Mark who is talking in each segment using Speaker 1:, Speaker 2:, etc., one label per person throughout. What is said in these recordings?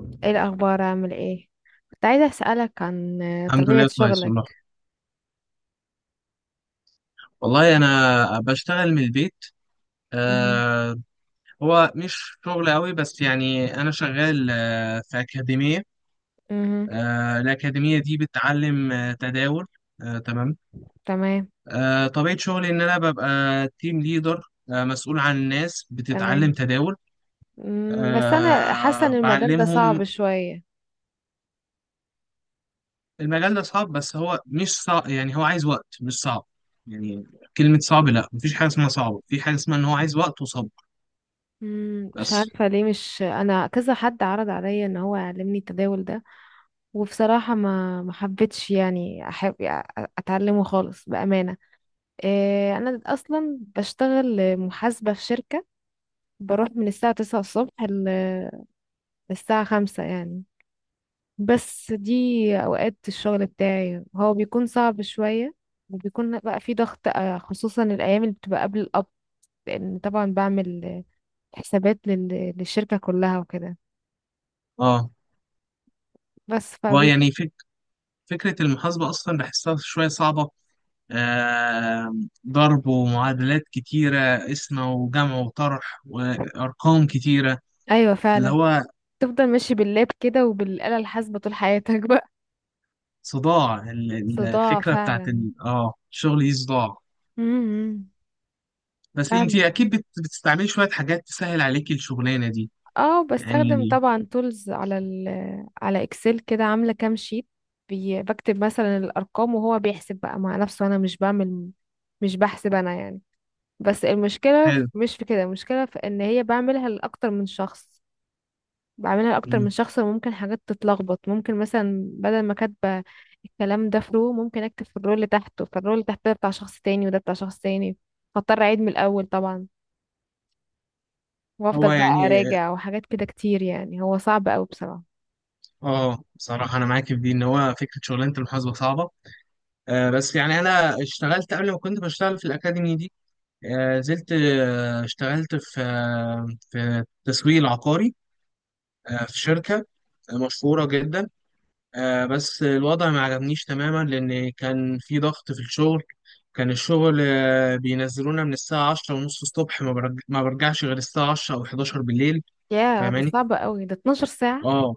Speaker 1: ايه الاخبار؟ عامل ايه؟ كنت عايزه اسالك عن
Speaker 2: الحمد
Speaker 1: طبيعه
Speaker 2: لله كويس
Speaker 1: شغلك.
Speaker 2: والله. والله انا بشتغل من البيت.
Speaker 1: مهم.
Speaker 2: آه هو مش شغل قوي، بس يعني انا شغال في اكاديميه.
Speaker 1: مهم.
Speaker 2: الاكاديميه دي بتعلم تداول. تمام.
Speaker 1: تمام.
Speaker 2: طبيعه شغلي ان انا ببقى تيم ليدر، مسؤول عن ناس بتتعلم
Speaker 1: تمام.
Speaker 2: تداول.
Speaker 1: بس انا حاسه ان المجال ده
Speaker 2: بعلمهم.
Speaker 1: صعب شويه.
Speaker 2: المجال ده صعب، بس هو مش صعب، يعني هو عايز وقت مش صعب. يعني كلمه صعب لا، مفيش حاجه اسمها صعب، في حاجه اسمها ان هو عايز وقت وصبر.
Speaker 1: مش
Speaker 2: بس
Speaker 1: عارفه ليه، مش انا كذا حد عرض عليا ان هو يعلمني التداول ده. وبصراحه ما حبيتش، يعني احب اتعلمه خالص بامانه. إيه، انا اصلا بشتغل محاسبه في شركه. بروح من الساعه 9 الصبح للساعه 5 يعني. بس دي اوقات الشغل بتاعي، هو بيكون صعب شوية، وبيكون بقى في ضغط خصوصا الايام اللي بتبقى قبل القبض. لان طبعا بعمل حسابات للشركة كلها وكده.
Speaker 2: اه.
Speaker 1: بس فبي.
Speaker 2: ويعني فكرة المحاسبة أصلا بحسها شوية صعبة. آه... ضرب ومعادلات كتيرة، قسمة وجمع وطرح وأرقام كتيرة،
Speaker 1: ايوه،
Speaker 2: اللي
Speaker 1: فعلا.
Speaker 2: هو
Speaker 1: تفضل ماشي باللاب كده وبالآلة الحاسبة طول حياتك بقى.
Speaker 2: صداع.
Speaker 1: صداع
Speaker 2: الفكرة بتاعت
Speaker 1: فعلا.
Speaker 2: ال... آه الشغل دي صداع.
Speaker 1: امم،
Speaker 2: بس أنت
Speaker 1: فعلا.
Speaker 2: أكيد بتستعملي شوية حاجات تسهل عليكي الشغلانة دي،
Speaker 1: اه، بستخدم
Speaker 2: يعني.
Speaker 1: طبعا تولز على على اكسل كده، عامله كام شيت. بكتب مثلا الارقام وهو بيحسب بقى مع نفسه، انا مش بعمل، مش بحسب انا يعني. بس المشكله
Speaker 2: حلو.
Speaker 1: مش في كده، المشكله في ان هي بعملها لاكتر من شخص. بعملها لاكتر من
Speaker 2: مم.
Speaker 1: شخص وممكن حاجات تتلخبط، ممكن مثلا بدل ما كاتبه الكلام ده في رو ممكن اكتب في الرول اللي تحته، فالرول اللي تحته ده بتاع شخص تاني وده بتاع شخص تاني. فاضطر اعيد من الاول طبعا،
Speaker 2: هو
Speaker 1: وافضل بقى
Speaker 2: يعني،
Speaker 1: اراجع وحاجات كده كتير، يعني هو صعب قوي بصراحه.
Speaker 2: بصراحة أنا معاكي في دي، إن هو فكرة شغلانة المحاسبة صعبة. بس يعني أنا اشتغلت قبل، ما كنت بشتغل في الأكاديمي دي. نزلت، اشتغلت في، في تسويق عقاري، في شركة مشهورة جدا. بس الوضع ما عجبنيش تماما لأن كان في ضغط في الشغل. كان الشغل بينزلونا من الساعة عشرة ونص الصبح، ما برجعش غير الساعة عشرة أو حداشر بالليل.
Speaker 1: يا ده
Speaker 2: فاهماني؟
Speaker 1: صعب قوي ده، 12 ساعة.
Speaker 2: اه،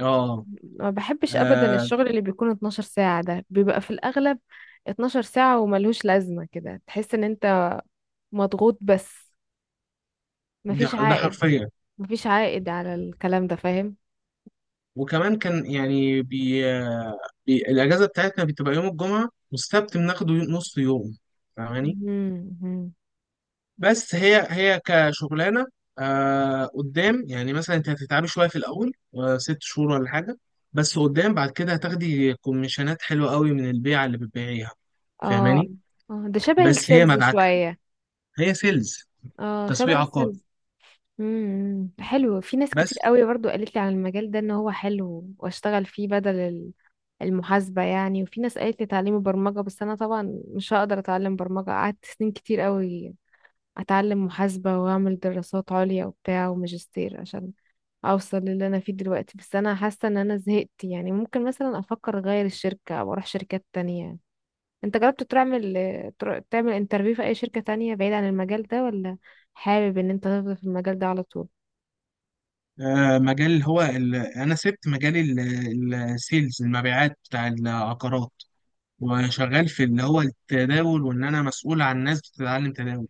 Speaker 2: اه،
Speaker 1: ما بحبش ابدا
Speaker 2: آه،
Speaker 1: الشغل اللي بيكون 12 ساعة، ده بيبقى في الاغلب 12 ساعة وملهوش لازمة كده. تحس ان انت مضغوط، بس
Speaker 2: ده
Speaker 1: مفيش
Speaker 2: ده
Speaker 1: عائد.
Speaker 2: حرفيا.
Speaker 1: مفيش عائد على الكلام ده، فاهم.
Speaker 2: وكمان كان يعني الأجازة بتاعتنا بتبقى يوم الجمعة والسبت، بناخده نص يوم. فاهماني؟
Speaker 1: مهم، مهم.
Speaker 2: بس هي كشغلانه، قدام يعني مثلا انت هتتعبي شويه في الاول، 6 شهور ولا حاجه، بس قدام بعد كده هتاخدي كوميشنات حلوه قوي من البيعه اللي بتبيعيها.
Speaker 1: اه،
Speaker 2: فاهماني؟
Speaker 1: اه، ده شبه
Speaker 2: بس هي
Speaker 1: السيلز
Speaker 2: مدعكه،
Speaker 1: شوية.
Speaker 2: هي سيلز،
Speaker 1: اه شبه
Speaker 2: تسويق عقار.
Speaker 1: السيلز. حلو، في ناس كتير
Speaker 2: بس
Speaker 1: قوي برضو قالت لي على المجال ده ان هو حلو واشتغل فيه بدل المحاسبة يعني. وفي ناس قالت لي تعليم برمجة، بس انا طبعا مش هقدر اتعلم برمجة. قعدت سنين كتير قوي اتعلم محاسبة واعمل دراسات عليا وبتاع وماجستير عشان اوصل للي انا فيه دلوقتي. بس انا حاسة ان انا زهقت يعني، ممكن مثلا افكر اغير الشركة او اروح شركات تانية. انت جربت تعمل، تعمل انترفيو في اي شركة تانية بعيد عن المجال ده؟ ولا حابب ان انت تفضل في المجال ده على طول؟
Speaker 2: مجال اللي هو انا سبت مجال السيلز، المبيعات بتاع العقارات، وشغال في اللي هو التداول، وان انا مسؤول عن ناس بتتعلم تداول.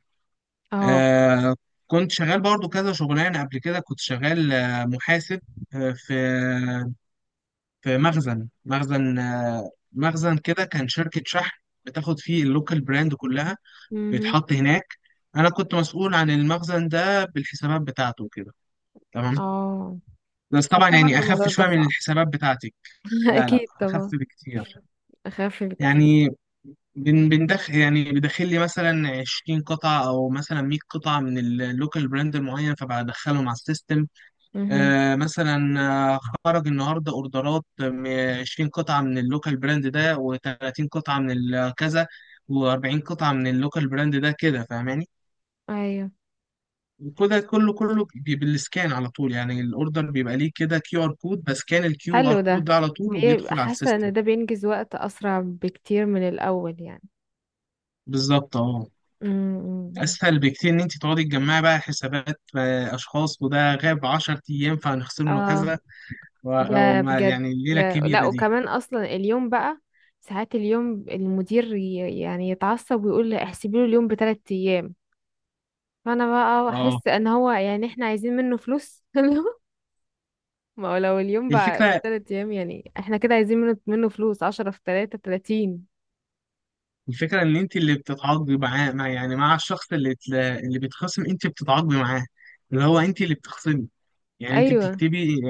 Speaker 1: اه.
Speaker 2: آه كنت شغال برضو كذا شغلانة قبل كده. كنت شغال محاسب في، في مخزن مخزن كده، كان شركة شحن بتاخد فيه اللوكال براند كلها،
Speaker 1: مهم.
Speaker 2: بيتحط هناك. أنا كنت مسؤول عن المخزن ده بالحسابات بتاعته كده. تمام.
Speaker 1: اه.
Speaker 2: بس طبعا
Speaker 1: حاسه
Speaker 2: يعني
Speaker 1: برضه
Speaker 2: أخف
Speaker 1: الموضوع ده
Speaker 2: شوية من
Speaker 1: صعب.
Speaker 2: الحسابات بتاعتي. لا لا،
Speaker 1: اكيد
Speaker 2: أخف
Speaker 1: طبعا.
Speaker 2: بكتير.
Speaker 1: اخف بكتير.
Speaker 2: يعني بندخل يعني، بدخل لي مثلا 20 قطعة أو مثلا 100 قطعة من اللوكال براند المعين، فبدخلهم على السيستم.
Speaker 1: مهم.
Speaker 2: مثلا آه، خرج النهارده اوردرات من 20 قطعه من اللوكال براند ده، و30 قطعه من كذا، و40 قطعه من اللوكال براند ده، كده. فاهماني؟
Speaker 1: ايوه.
Speaker 2: وكده كله كله بالسكان على طول. يعني الاوردر بيبقى ليه كده كيو ار كود، بسكان الكيو
Speaker 1: حلو
Speaker 2: ار كود
Speaker 1: ده.
Speaker 2: ده على طول،
Speaker 1: بيبقى
Speaker 2: وبيدخل على
Speaker 1: حاسه
Speaker 2: السيستم.
Speaker 1: ان ده بينجز وقت اسرع بكتير من الاول يعني.
Speaker 2: بالظبط. اه،
Speaker 1: امم.
Speaker 2: اسهل بكتير ان انت تقعدي تجمعي بقى حسابات اشخاص، وده غاب 10 ايام فهنخصم له
Speaker 1: اه.
Speaker 2: كذا،
Speaker 1: يا بجد.
Speaker 2: يعني الليله
Speaker 1: يا لا،
Speaker 2: الكبيره دي.
Speaker 1: وكمان اصلا اليوم بقى ساعات اليوم المدير يعني يتعصب ويقول لي احسبي له اليوم بثلاث ايام. فانا بقى
Speaker 2: اه.
Speaker 1: احس ان هو يعني احنا عايزين منه فلوس ما هو لو اليوم بقى
Speaker 2: الفكرة
Speaker 1: بتلات أيام، يعني احنا كده عايزين منه فلوس، 10 في تلاتة 30.
Speaker 2: الفكرة إن أنت اللي بتتعاقبي معاه، مع يعني مع الشخص اللي اللي بيتخصم أنت بتتعاقبي معاه، اللي هو أنت اللي بتخصمي، يعني أنت
Speaker 1: أيوة،
Speaker 2: بتكتبي.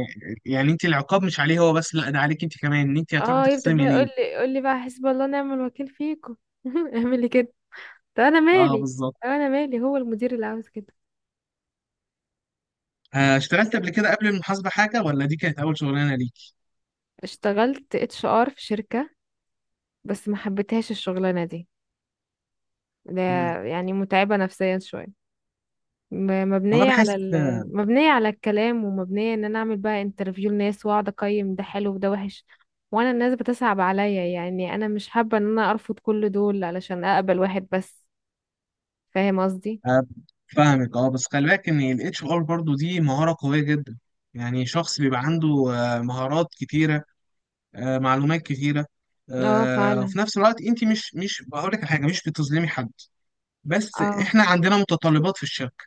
Speaker 2: يعني أنت العقاب مش عليه هو بس، لا، ده عليك أنت كمان، إن أنت هتروحي
Speaker 1: اه. يفضل بقى
Speaker 2: تخصمي ليه.
Speaker 1: يقول لي بقى: حسب الله ونعم الوكيل فيكم. اعملي كده. طب أنا
Speaker 2: أه
Speaker 1: مالي؟
Speaker 2: بالظبط.
Speaker 1: طب أنا مالي؟ هو المدير اللي عاوز كده.
Speaker 2: اشتغلت قبل كده قبل المحاسبة حاجة، ولا دي كانت أول شغلانة ليك؟
Speaker 1: اشتغلت HR في شركة، بس ما حبيتهاش الشغلانة دي. ده
Speaker 2: مم.
Speaker 1: يعني متعبة نفسيا شوية، م-
Speaker 2: والله
Speaker 1: مبنية على
Speaker 2: بحس.
Speaker 1: ال... مبنية على الكلام، ومبنية ان انا اعمل بقى انترفيو لناس واقعد اقيم ده حلو وده وحش. وانا الناس بتصعب عليا، يعني انا مش حابة ان انا ارفض كل دول علشان اقبل واحد بس. فاهم قصدي؟
Speaker 2: آه، فاهمك. أه بس خلي بالك إن ال HR برضه دي مهارة قوية جدا. يعني شخص بيبقى عنده مهارات كتيرة، معلومات كتيرة،
Speaker 1: اه فعلا.
Speaker 2: وفي نفس الوقت انت مش بقول لك حاجه، مش بتظلمي حد. بس
Speaker 1: اه.
Speaker 2: احنا عندنا متطلبات في الشركه،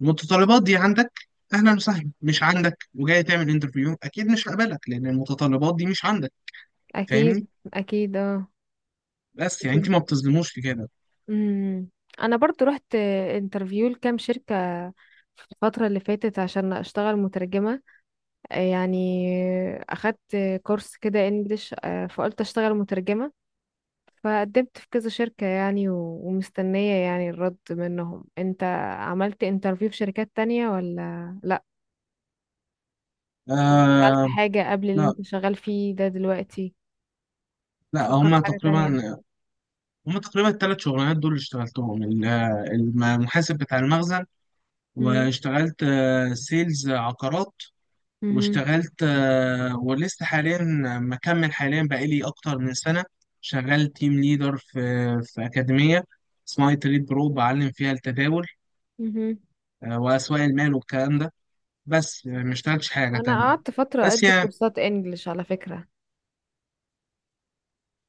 Speaker 2: المتطلبات دي عندك اهلا وسهلا. مش عندك وجاي تعمل انترفيو، اكيد مش هقبلك لان المتطلبات دي مش عندك.
Speaker 1: اكيد.
Speaker 2: فاهمني؟
Speaker 1: اكيد، اه.
Speaker 2: بس يعني انت
Speaker 1: اكيد.
Speaker 2: ما بتظلموش في كده.
Speaker 1: امم. انا برضو رحت انترفيو لكام شركة في الفترة اللي فاتت عشان اشتغل مترجمة يعني. اخدت كورس كده انجليش، فقلت اشتغل مترجمة. فقدمت في كذا شركة يعني، ومستنية يعني الرد منهم. انت عملت انترفيو في شركات تانية ولا لا؟ أو اشتغلت
Speaker 2: آه.
Speaker 1: حاجة قبل اللي
Speaker 2: لا،
Speaker 1: انت شغال فيه ده دلوقتي؟
Speaker 2: لا
Speaker 1: بتفكر في
Speaker 2: هما
Speaker 1: حاجة تانية؟
Speaker 2: تقريبا هما تقريبا الثلاث شغلانات دول اللي اشتغلتهم، المحاسب بتاع المخزن،
Speaker 1: مم.
Speaker 2: واشتغلت سيلز عقارات،
Speaker 1: مهم.
Speaker 2: واشتغلت ولسه حاليا مكمل حاليا بقالي أكتر من سنة شغال تيم ليدر في، في أكاديمية اسمها تريد برو، بعلم فيها التداول
Speaker 1: مهم.
Speaker 2: وأسواق المال والكلام ده. بس يعني ما اشتغلتش حاجة
Speaker 1: انا
Speaker 2: تانية.
Speaker 1: قعدت فترة
Speaker 2: بس
Speaker 1: ادي
Speaker 2: يعني
Speaker 1: كورسات انجليش على فكرة.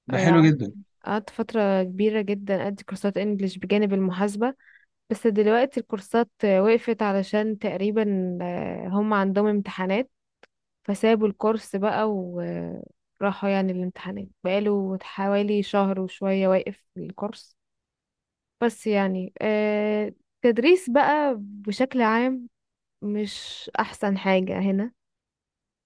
Speaker 2: ده
Speaker 1: آه،
Speaker 2: حلو
Speaker 1: قعدت
Speaker 2: جدا.
Speaker 1: قعدت فترة كبيرة جدا ادي كورسات انجليش بجانب المحاسبة. بس دلوقتي الكورسات وقفت علشان تقريبا هم عندهم امتحانات. فسابوا الكورس بقى وراحوا يعني الامتحانات، بقاله حوالي شهر وشوية واقف في الكورس. بس يعني تدريس بقى بشكل عام مش أحسن حاجة. هنا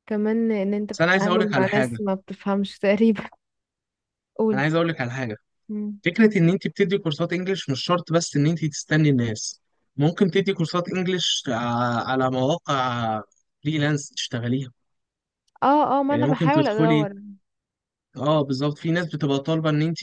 Speaker 1: كمان إن أنت
Speaker 2: بس
Speaker 1: بتتعامل مع ناس ما بتفهمش تقريبا.
Speaker 2: أنا
Speaker 1: قول.
Speaker 2: عايز أقولك على حاجة.
Speaker 1: مم.
Speaker 2: فكرة إن أنت بتدي كورسات إنجليش مش شرط بس إن أنت تستني الناس، ممكن تدي كورسات إنجليش على مواقع فريلانس تشتغليها،
Speaker 1: اه، اه، ما
Speaker 2: يعني
Speaker 1: أنا
Speaker 2: ممكن
Speaker 1: بحاول
Speaker 2: تدخلي.
Speaker 1: أدور.
Speaker 2: اه بالظبط، في ناس بتبقى طالبه ان انت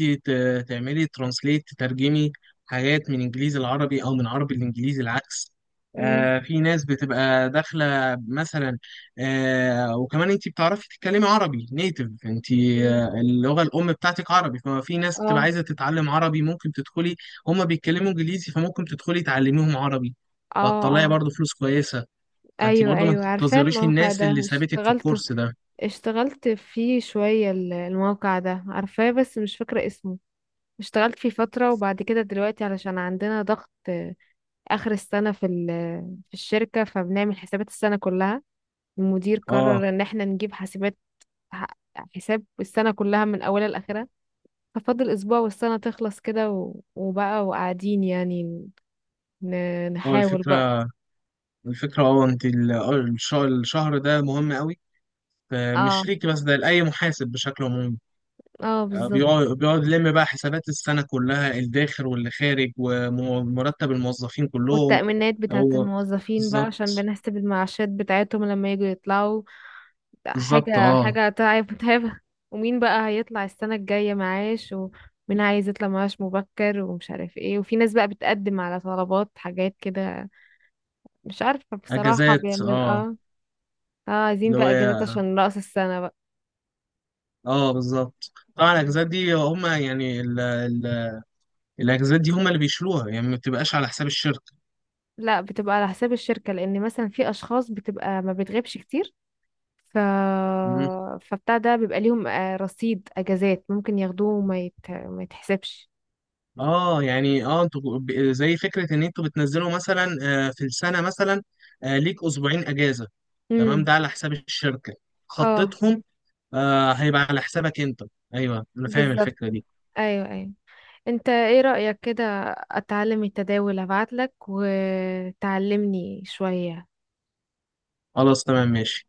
Speaker 2: تعملي ترانسليت، تترجمي حاجات من انجليزي العربي، او من عربي الانجليزي، العكس.
Speaker 1: مم.
Speaker 2: في ناس بتبقى داخله مثلا. وكمان انت بتعرفي تتكلمي عربي نيتف، انت
Speaker 1: مم.
Speaker 2: اللغه الام بتاعتك عربي، فما في ناس بتبقى
Speaker 1: اه،
Speaker 2: عايزه تتعلم عربي، ممكن تدخلي. هما بيتكلموا انجليزي، فممكن تدخلي تعلميهم عربي،
Speaker 1: اه،
Speaker 2: وهتطلعي
Speaker 1: اه.
Speaker 2: برضو فلوس كويسه. فانت
Speaker 1: ايوه،
Speaker 2: برضو ما
Speaker 1: ايوه، عارفاه
Speaker 2: تنتظريش
Speaker 1: الموقع
Speaker 2: الناس اللي
Speaker 1: ده.
Speaker 2: سابتك في
Speaker 1: اشتغلت،
Speaker 2: الكورس ده.
Speaker 1: اشتغلت فيه شوية. الموقع ده عارفاه بس مش فاكرة اسمه. اشتغلت فيه فترة، وبعد كده دلوقتي علشان عندنا ضغط آخر السنة في الشركة فبنعمل حسابات السنة كلها. المدير
Speaker 2: اه
Speaker 1: قرر إن احنا نجيب حسابات، ح- حساب السنة كلها من أولها لآخرها. ففاضل أسبوع والسنة تخلص كده، وبقى وقاعدين يعني
Speaker 2: هو
Speaker 1: نحاول بقى.
Speaker 2: الفكره، الفكرة اه انت الشهر ده مهم قوي،
Speaker 1: اه،
Speaker 2: فمش ليك بس، ده لأي محاسب بشكل عمومي.
Speaker 1: اه
Speaker 2: اه.
Speaker 1: بالظبط.
Speaker 2: بيقعد يلم بقى حسابات السنة كلها، الداخل واللي خارج، ومرتب الموظفين كلهم.
Speaker 1: والتأمينات بتاعت
Speaker 2: هو
Speaker 1: الموظفين بقى عشان
Speaker 2: بالظبط،
Speaker 1: بنحسب المعاشات بتاعتهم لما يجوا يطلعوا. لا،
Speaker 2: بالظبط
Speaker 1: حاجة
Speaker 2: اه.
Speaker 1: حاجة تعب، متعبة. ومين بقى هيطلع السنة الجاية معاش، ومين عايز يطلع معاش مبكر، ومش عارف ايه، وفي ناس بقى بتقدم على طلبات حاجات كده، مش عارفة بصراحة
Speaker 2: اجازات
Speaker 1: بيعمل
Speaker 2: اه،
Speaker 1: اه. اه، عايزين
Speaker 2: اللي هو
Speaker 1: بقى اجازات عشان رأس السنة بقى.
Speaker 2: اه، بالظبط طبعا الاجازات دي هم يعني الاجازات دي هم اللي بيشيلوها، يعني ما بتبقاش على حساب الشركة.
Speaker 1: لا، بتبقى على حساب الشركة لأن مثلا في أشخاص بتبقى ما بتغيبش كتير، ف... فبتاع ده بيبقى ليهم رصيد أجازات ممكن ياخدوه وما ما يتحسبش.
Speaker 2: اه، يعني اه انتوا زي فكره ان انتوا بتنزلوا مثلا في السنه مثلا ليك اسبوعين اجازه، تمام،
Speaker 1: امم،
Speaker 2: ده على حساب الشركه،
Speaker 1: اه
Speaker 2: خطتهم. هيبقى على حسابك انت. ايوه انا فاهم
Speaker 1: بالظبط.
Speaker 2: الفكره دي.
Speaker 1: ايوه، ايوه. انت ايه رأيك كده؟ اتعلم التداول، ابعتلك وتعلمني شوية.
Speaker 2: خلاص تمام ماشي.